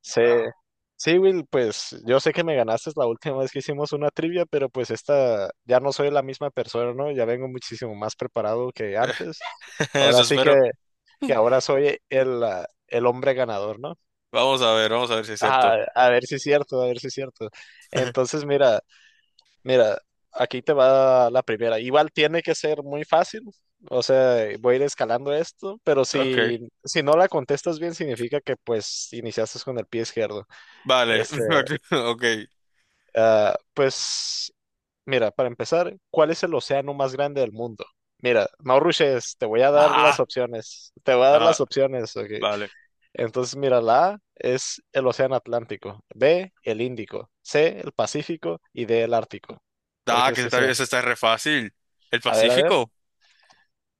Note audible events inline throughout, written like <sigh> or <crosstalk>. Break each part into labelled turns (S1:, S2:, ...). S1: Sí, sí, Will, pues yo sé que me ganaste la última vez que hicimos una trivia, pero pues esta ya no soy la misma persona, ¿no? Ya vengo muchísimo más preparado que
S2: <laughs>
S1: antes. Ahora
S2: Eso
S1: sí que,
S2: espero.
S1: que ahora soy el hombre ganador, ¿no?
S2: Vamos a ver si es cierto.
S1: Ah, a ver si es cierto, a ver si es cierto.
S2: <laughs>
S1: Entonces, mira, mira, aquí te va la primera. Igual tiene que ser muy fácil, o sea, voy a ir escalando esto, pero
S2: Ok,
S1: si no la contestas bien, significa que pues iniciaste con el pie izquierdo.
S2: vale.
S1: Este.
S2: <laughs> Ok.
S1: Ah, pues, mira, para empezar, ¿cuál es el océano más grande del mundo? Mira, no rushes, te voy a dar las
S2: Ah,
S1: opciones. Te voy a dar las
S2: ah,
S1: opciones, ok.
S2: vale.
S1: Entonces, mira, la A es el océano Atlántico, B, el Índico, C, el Pacífico y D, el Ártico. ¿Cuál
S2: Ah,
S1: crees
S2: que
S1: que
S2: está,
S1: sea?
S2: eso está re fácil. ¿El
S1: A ver, a ver.
S2: Pacífico?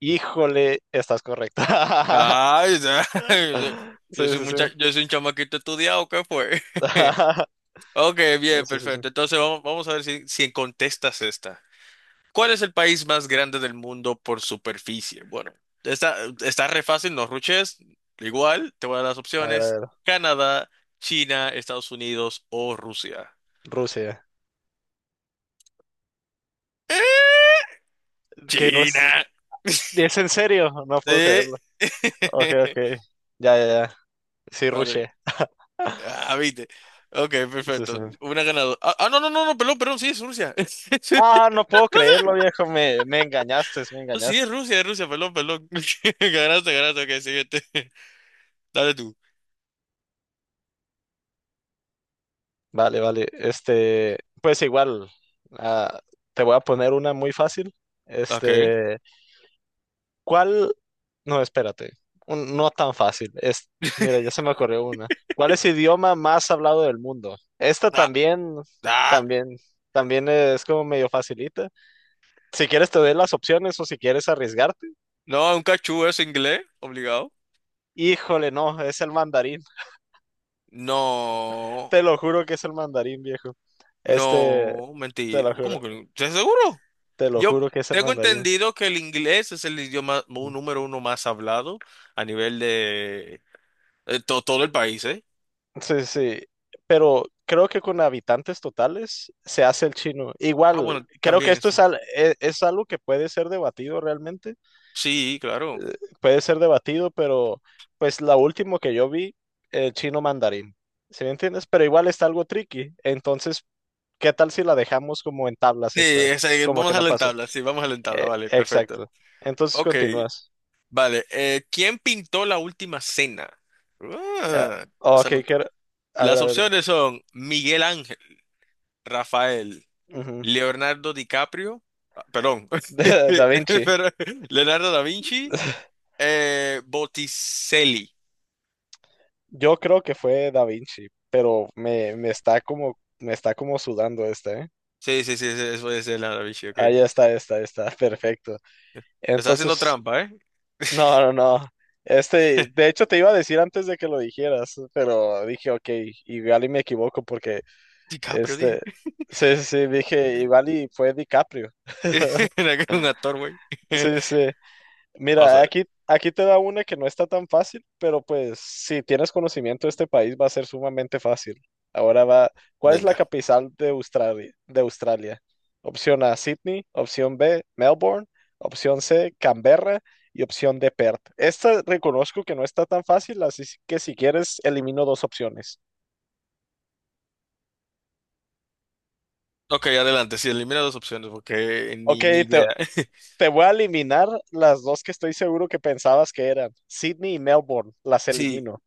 S1: Híjole, estás correcta.
S2: Ay, ya. <laughs>
S1: <laughs> Sí, sí, sí.
S2: Yo soy un chamaquito estudiado, ¿qué fue? <laughs>
S1: <laughs>
S2: Ok,
S1: No,
S2: bien,
S1: sí, sí, sí.
S2: perfecto. Entonces vamos a ver si contestas esta. ¿Cuál es el país más grande del mundo por superficie? Bueno, está, está re fácil, no ruches. Igual, te voy a dar las
S1: A ver, a
S2: opciones.
S1: ver.
S2: Canadá, China, Estados Unidos o Rusia.
S1: Rusia.
S2: ¡Eh!
S1: Que no es...
S2: China. <laughs>
S1: ¿Es en serio? No puedo
S2: Eh,
S1: creerlo. Ok, ok.
S2: <laughs>
S1: Ya, ya, ya. Sí,
S2: Vale.
S1: rushé.
S2: Ah, viste. Ok,
S1: Sí, sí.
S2: perfecto. Una ganadora. Ah, ah, no, no, no, no, perdón, perdón, sí, es Rusia. <laughs>
S1: Ah, no puedo
S2: No
S1: creerlo, viejo. Me engañaste, me
S2: sé. Sí,
S1: engañaste.
S2: Es Rusia, perdón, perdón. <laughs> Ganaste, ganaste, ok, siguiente. <laughs> Dale tú.
S1: Vale, vale. Este, pues igual, ah, te voy a poner una muy fácil.
S2: Ok.
S1: Este, ¿cuál? No, espérate. No tan fácil. Mira, ya se me ocurrió una. ¿Cuál es el idioma más hablado del mundo? Esta
S2: Ah, ah.
S1: también, también, es como medio facilita. Si quieres te doy las opciones o si quieres arriesgarte.
S2: No, un cachú es inglés, obligado.
S1: Híjole, no, es el mandarín.
S2: No,
S1: Te lo juro que es el mandarín, viejo. Este,
S2: no,
S1: te
S2: mentira.
S1: lo juro,
S2: ¿Cómo que no? ¿Estás seguro?
S1: te lo
S2: Yo
S1: juro que es el
S2: tengo
S1: mandarín.
S2: entendido que el inglés es el idioma número uno más hablado a nivel de todo el país, ¿eh?
S1: Sí, sí, pero creo que con habitantes totales se hace el chino.
S2: Ah,
S1: Igual,
S2: bueno,
S1: creo que
S2: también
S1: esto
S2: es.
S1: es algo que puede ser debatido realmente,
S2: Sí, claro.
S1: eh, puede ser debatido, pero pues la último que yo vi, el chino mandarín, ¿sí me entiendes? Pero igual está algo tricky, entonces, ¿qué tal si la dejamos como en tablas
S2: Sí,
S1: esta?
S2: es ahí,
S1: Como que
S2: vamos a
S1: no
S2: la
S1: pasó.
S2: tabla, sí, vamos a la tabla,
S1: Eh,
S2: vale, perfecto.
S1: exacto. Entonces
S2: Ok,
S1: continúas.
S2: vale. ¿Quién pintó la última cena?
S1: Eh,
S2: Ah,
S1: ok,
S2: esa nota.
S1: quiero... A ver,
S2: Las
S1: a ver.
S2: opciones son Miguel Ángel, Rafael.
S1: Ujú. <laughs>
S2: Leonardo DiCaprio, ah, perdón, <laughs>
S1: Da Vinci.
S2: pero Leonardo da Vinci,
S1: <laughs>
S2: Botticelli.
S1: Yo creo que fue Da Vinci, pero me está como sudando esta, ¿eh?
S2: Sí, sí, sí, sí, eso es Leonardo da Vinci, ok.
S1: Ahí está, <laughs> perfecto.
S2: Estás haciendo
S1: Entonces,
S2: trampa, ¿eh?
S1: no,
S2: <laughs>
S1: no, no. Este, de hecho te iba a decir antes de que lo dijeras, pero dije, ok, igual y me equivoco porque,
S2: DiCaprio,
S1: este,
S2: dije. <laughs>
S1: sí, sí, sí, dije, igual y fue DiCaprio.
S2: Era que era un actor, güey.
S1: Sí,
S2: <laughs>
S1: sí.
S2: Vamos a
S1: Mira,
S2: ver,
S1: aquí te da una que no está tan fácil, pero pues si tienes conocimiento de este país va a ser sumamente fácil. Ahora va, ¿cuál es la
S2: venga.
S1: capital de Australia? ¿De Australia? Opción A, Sydney, opción B, Melbourne, opción C, Canberra y opción D, Perth. Esta reconozco que no está tan fácil, así que si quieres elimino dos opciones.
S2: Ok, adelante, sí, elimina dos opciones porque
S1: Ok,
S2: ni
S1: te,
S2: idea. <laughs>
S1: te voy a eliminar las dos que estoy seguro que pensabas que eran. Sydney y Melbourne, las
S2: Sí,
S1: elimino.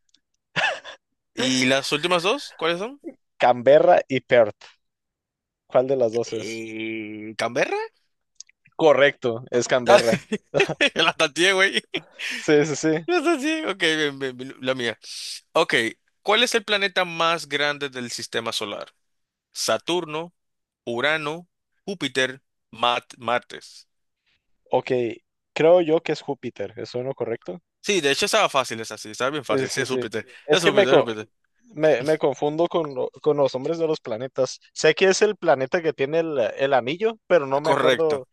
S2: ¿y las últimas dos? ¿Cuáles son?
S1: Canberra y Perth. ¿Cuál de las dos es?
S2: ¿Canberra? <laughs>
S1: Correcto, es
S2: Ah,
S1: Canberra.
S2: <laughs> la tanteé, güey.
S1: Sí, sí, sí.
S2: No sé. Ok, bien, bien, bien, la mía. Ok, ¿cuál es el planeta más grande del sistema solar? Saturno, Urano, Júpiter, Marte.
S1: Ok, creo yo que es Júpiter. ¿Es uno correcto?
S2: Sí, de hecho estaba fácil, es así, estaba bien
S1: Sí,
S2: fácil. Sí,
S1: sí,
S2: es
S1: sí.
S2: Júpiter,
S1: Es
S2: es
S1: que me,
S2: Júpiter, es
S1: co-
S2: Júpiter.
S1: me, me confundo con los nombres de los planetas. Sé que es el planeta que tiene el anillo, pero no me
S2: Correcto.
S1: acuerdo.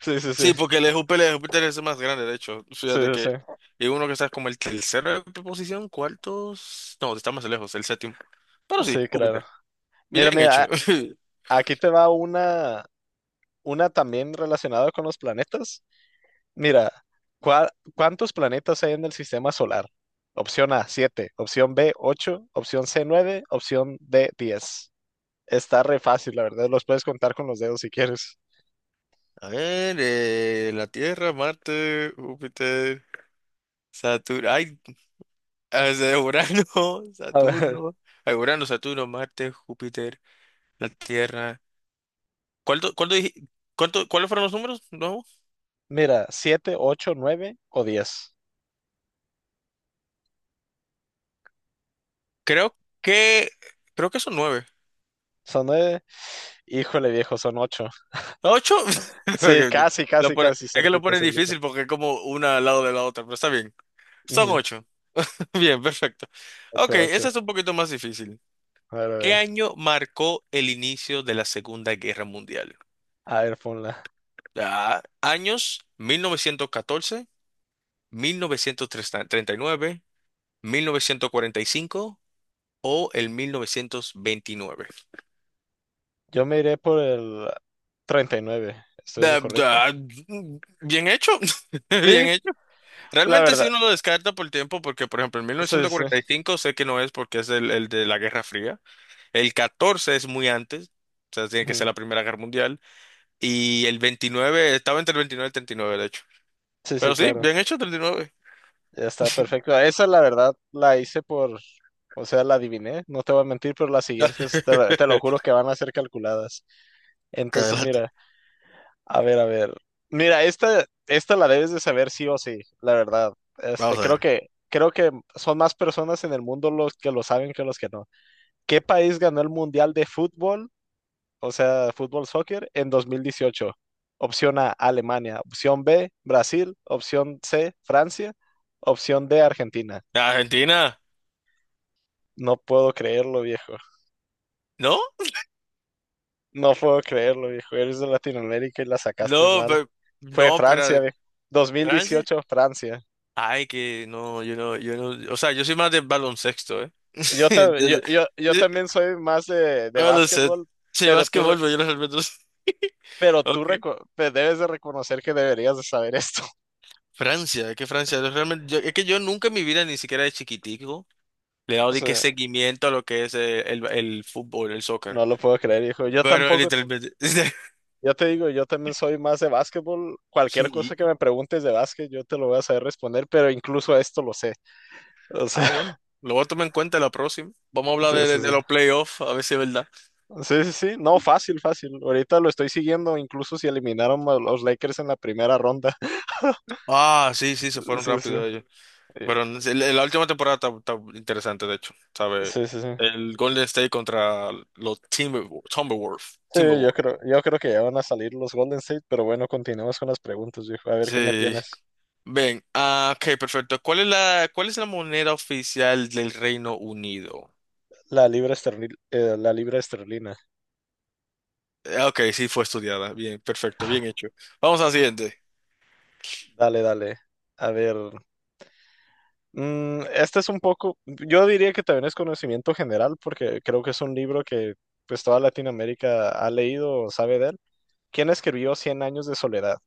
S1: Sí, sí, sí,
S2: Sí, porque el de Júpiter es el más grande, de hecho.
S1: sí,
S2: Fíjate
S1: sí,
S2: que.
S1: sí,
S2: Y uno que está como el tercero de posición, cuartos. No, está más lejos, el séptimo. Pero sí,
S1: sí, claro.
S2: Júpiter.
S1: Mira,
S2: Bien
S1: mira,
S2: hecho. <laughs>
S1: aquí te va una también relacionada con los planetas. Mira, ¿cuántos planetas hay en el sistema solar? Opción A, 7. Opción B, 8. Opción C, 9. Opción D, 10. Está re fácil, la verdad, los puedes contar con los dedos si quieres.
S2: A ver, la Tierra, Marte, Júpiter. Saturno, ay, o sea, Urano, <laughs>
S1: A ver,
S2: Saturno,
S1: <laughs>
S2: ay, Urano, Saturno, Marte, Júpiter, la Tierra. ¿Cuánto, cuánto dije- cuáles fueron los números? No,
S1: mira, 7, 8, 9 o diez.
S2: creo que, creo que son nueve.
S1: Son 9. Híjole, viejo, son 8.
S2: ¿Ocho?
S1: Sí,
S2: <laughs>
S1: casi,
S2: Lo
S1: casi,
S2: pone-
S1: casi,
S2: es que lo
S1: cerquita,
S2: pone
S1: cerquita.
S2: difícil porque es como una al lado de la otra, pero está bien. Son
S1: 8,
S2: ocho. <laughs> Bien, perfecto. Ok,
S1: ocho, ocho.
S2: esta es un poquito más difícil.
S1: A ver, a
S2: ¿Qué
S1: ver.
S2: año marcó el inicio de la Segunda Guerra Mundial?
S1: A ver, ponla.
S2: Ah, años 1914. Mil novecientos treinta y nueve, 1945 o el 1929.
S1: Yo me iré por el 39. ¿Estoy en lo
S2: Da-
S1: correcto?
S2: da- Bien hecho, <laughs>
S1: Sí,
S2: bien hecho.
S1: la
S2: Realmente
S1: verdad.
S2: si uno lo descarta por el tiempo, porque por ejemplo en mil
S1: Sí,
S2: novecientos
S1: sí.
S2: cuarenta y cinco sé que no es porque es el de la Guerra Fría. El 14 es muy antes, o sea, tiene que
S1: Ujú.
S2: ser la Primera Guerra Mundial. Y el 29 estaba entre el 29 y el treinta y nueve de hecho.
S1: Sí, sí,
S2: Pero sí,
S1: claro.
S2: bien hecho, treinta y nueve.
S1: Ya está perfecto. Esa la verdad la hice por, o sea, la adiviné, no te voy a mentir, pero las siguientes te lo juro
S2: <laughs>
S1: que van a ser calculadas. Entonces,
S2: Adelante.
S1: mira, a ver, a ver. Mira, esta la debes de saber sí o sí, la verdad.
S2: Vamos
S1: Este,
S2: a
S1: creo
S2: ver.
S1: que, creo que son más personas en el mundo los que lo saben que los que no. ¿Qué país ganó el Mundial de Fútbol, o sea, fútbol soccer, en 2018? Opción A, Alemania. Opción B, Brasil. Opción C, Francia. Opción D, Argentina.
S2: Argentina,
S1: No puedo creerlo, viejo.
S2: ¿no?
S1: No puedo creerlo, viejo. Eres de Latinoamérica y la sacaste
S2: No,
S1: mal.
S2: pero,
S1: Fue
S2: no,
S1: Francia,
S2: pero
S1: viejo.
S2: Francia.
S1: 2018, Francia.
S2: Ay, que no, yo no, yo no, o sea, yo soy más de baloncesto, ¿eh?
S1: Yo,
S2: <laughs>
S1: ta- yo,
S2: Desde-
S1: yo, yo
S2: yo-
S1: también soy más de
S2: baloncesto.
S1: básquetbol,
S2: Sí,
S1: pero tú, re-
S2: básquetbol, pero yo no realmente no sé. <laughs>
S1: pero tú
S2: Ok.
S1: reco- te debes de reconocer que deberías de saber esto. <laughs>
S2: Francia, es que Francia, es que yo nunca en mi vida, ni siquiera de chiquitico, le he dado
S1: O
S2: de que
S1: sea,
S2: seguimiento a lo que es el fútbol, el soccer.
S1: no lo puedo creer, hijo. Yo
S2: Pero
S1: tampoco.
S2: literalmente, <laughs>
S1: Ya te digo, yo también soy más de básquetbol. Cualquier cosa
S2: sí.
S1: que me preguntes de básquet, yo te lo voy a saber responder, pero incluso a esto lo sé. O sea,
S2: Ah, bueno.
S1: <laughs>
S2: Lo voy a tomar en cuenta la próxima. Vamos a hablar
S1: sí,
S2: de, de-
S1: sí, sí.
S2: de los playoffs, a ver si es verdad.
S1: Sí, sí, sí. No, fácil, fácil. Ahorita lo estoy siguiendo, incluso si eliminaron a los Lakers en la primera ronda. <laughs>
S2: Ah, sí, sí, se fueron
S1: Sí, sí.
S2: rápido ellos.
S1: Eh,
S2: Pero en la última temporada está interesante, de hecho, ¿sabe?
S1: Sí sí, sí.
S2: El Golden State contra los Timberwolves. Timberwolves.
S1: Sí, yo
S2: Timberwolves.
S1: creo, yo creo que ya van a salir los Golden State, pero bueno, continuemos con las preguntas, viejo. A ver qué me
S2: Sí.
S1: tienes.
S2: Ven, ah, ok, perfecto. ¿Cuál es la moneda oficial del Reino Unido?
S1: La libra esterlina, la libra esterlina.
S2: Ok, sí fue estudiada. Bien, perfecto, bien hecho. Vamos a la siguiente.
S1: Dale, dale. A ver. Este es un poco, yo diría que también es conocimiento general porque creo que es un libro que pues toda Latinoamérica ha leído o sabe de él. ¿Quién escribió Cien años de soledad?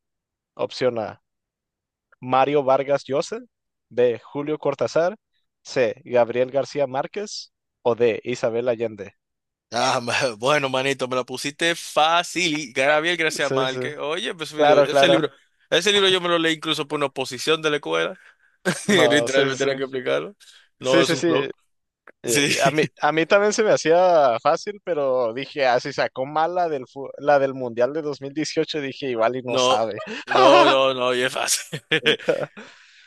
S1: Opción A, Mario Vargas Llosa. B, Julio Cortázar. C, Gabriel García Márquez. O D, Isabel Allende.
S2: Ah, <laughs> bueno, manito, me la pusiste fácil. Gabriel García
S1: Sí, sí.
S2: Márquez. Oye, pues,
S1: Claro,
S2: ese
S1: claro.
S2: libro, ese libro yo me lo leí incluso por una oposición de la escuela. <laughs>
S1: No, sí,
S2: Literalmente
S1: sí.
S2: era que explicarlo. No
S1: Sí,
S2: es
S1: sí,
S2: un
S1: sí.
S2: flow.
S1: Sí,
S2: Sí.
S1: a mí también se me hacía fácil, pero dije, si sacó mal la del, la del Mundial de 2018 dije, igual y no
S2: No,
S1: sabe.
S2: no,
S1: <laughs>
S2: no, no, y es fácil. <laughs>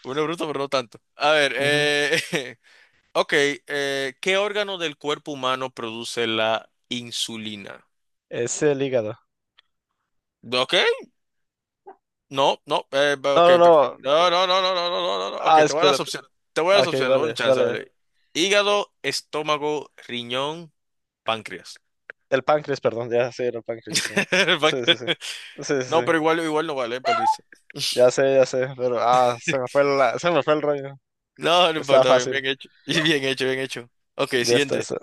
S2: Uno es bruto, pero no tanto. A ver,
S1: Ujú.
S2: <laughs> ok, ¿qué órgano del cuerpo humano produce la insulina?
S1: Es el hígado.
S2: Ok, no, no, va, ok,
S1: No, no, no.
S2: perfecto. No, no, no, no, no, no, no, no, no. Ok,
S1: Ah,
S2: te voy a dar las
S1: espérate.
S2: opciones. Te voy a
S1: Ah,
S2: dar las
S1: ok,
S2: opciones, doy un
S1: dale,
S2: chance,
S1: dale.
S2: vale. Hígado, estómago, riñón, páncreas.
S1: El páncreas, perdón. Ya sé, el páncreas, perdón.
S2: <laughs> El
S1: Sí, sí,
S2: páncreas.
S1: sí. Sí, sí, sí.
S2: No, pero igual no vale, perdiste.
S1: Ya sé, pero se me fue el rollo.
S2: No, no
S1: Estaba
S2: importa, bien
S1: fácil.
S2: bien hecho. <laughs> Bien hecho, bien hecho. Ok,
S1: Ya está,
S2: siguiente.
S1: está.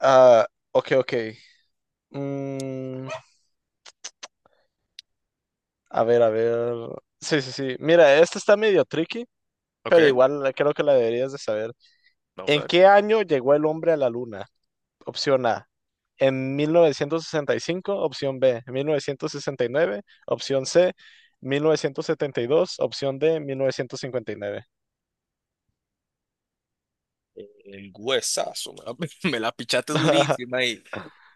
S1: Ah, ok, ok. Mm, a ver, a ver. Sí, sí, sí. Mira, este está medio tricky,
S2: Ok,
S1: pero igual creo que la deberías de saber.
S2: vamos
S1: ¿En
S2: a ver.
S1: qué año llegó el hombre a la Luna? Opción A, en 1965, opción B, 1969, opción C, 1972, opción D, 1959.
S2: El huesazo, me la, <laughs> me la pichaste
S1: <laughs>
S2: durísima ahí.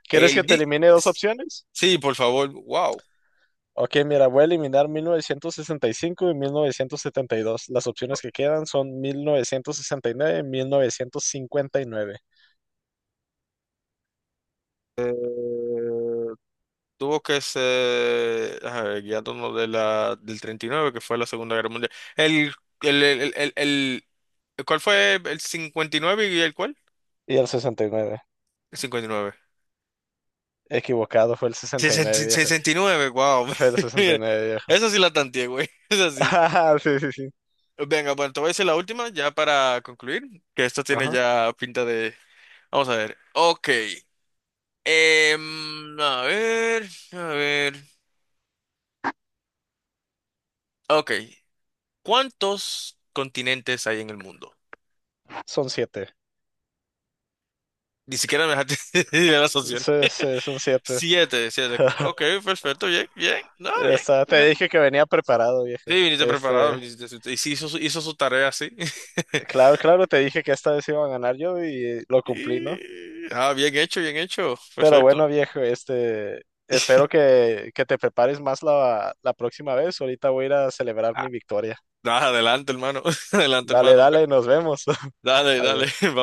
S1: ¿Quieres que
S2: El
S1: te
S2: gui-
S1: elimine dos opciones?
S2: Sí, por favor, wow.
S1: Ok, mira, voy a eliminar 1965 y 1972. Las opciones que quedan son 1969, 1959 y nueve, 1959
S2: Eh, tuvo que ser, a ver, guiándonos del 39 que fue la Segunda Guerra Mundial. El, el, el, el- ¿cuál fue el cincuenta y nueve y el cuál?
S1: y el 69.
S2: El cincuenta y nueve,
S1: Equivocado, fue el
S2: sesenta
S1: 69,
S2: y-
S1: viejo.
S2: sesenta y nueve, wow.
S1: Fue el
S2: <laughs> Mira,
S1: 69, viejo.
S2: esa sí la tanteé, güey. <laughs> Esa sí.
S1: Ajá, sí, sí, sí.
S2: Venga, bueno, te voy a decir la última ya para concluir, que esto tiene
S1: Ajá.
S2: ya pinta de, vamos a ver. Ok. A ver, a ver. Ok. ¿Cuántos continentes hay en el mundo?
S1: Son siete.
S2: Ni siquiera me dejaste <laughs> de la asociación.
S1: Sí, sí, son siete.
S2: Siete, siete. Ok,
S1: <laughs>
S2: perfecto, bien, bien. No, bien,
S1: Esta, te
S2: perfecto.
S1: dije que venía preparado, viejo.
S2: Sí, viniste preparado,
S1: Este,
S2: viniste. Y sí, hizo su tarea, sí. <laughs>
S1: claro, claro, te dije que esta vez iba a ganar yo y lo cumplí, ¿no?
S2: Y- Ah, bien hecho, bien hecho.
S1: Pero
S2: Perfecto.
S1: bueno, viejo, este, espero
S2: <laughs>
S1: que te prepares más la próxima vez. Ahorita voy a ir a celebrar mi
S2: Ah,
S1: victoria.
S2: adelante, hermano. <laughs> Adelante,
S1: Dale,
S2: hermano.
S1: dale, nos vemos. <laughs>
S2: Dale, dale.
S1: Adiós.
S2: <laughs>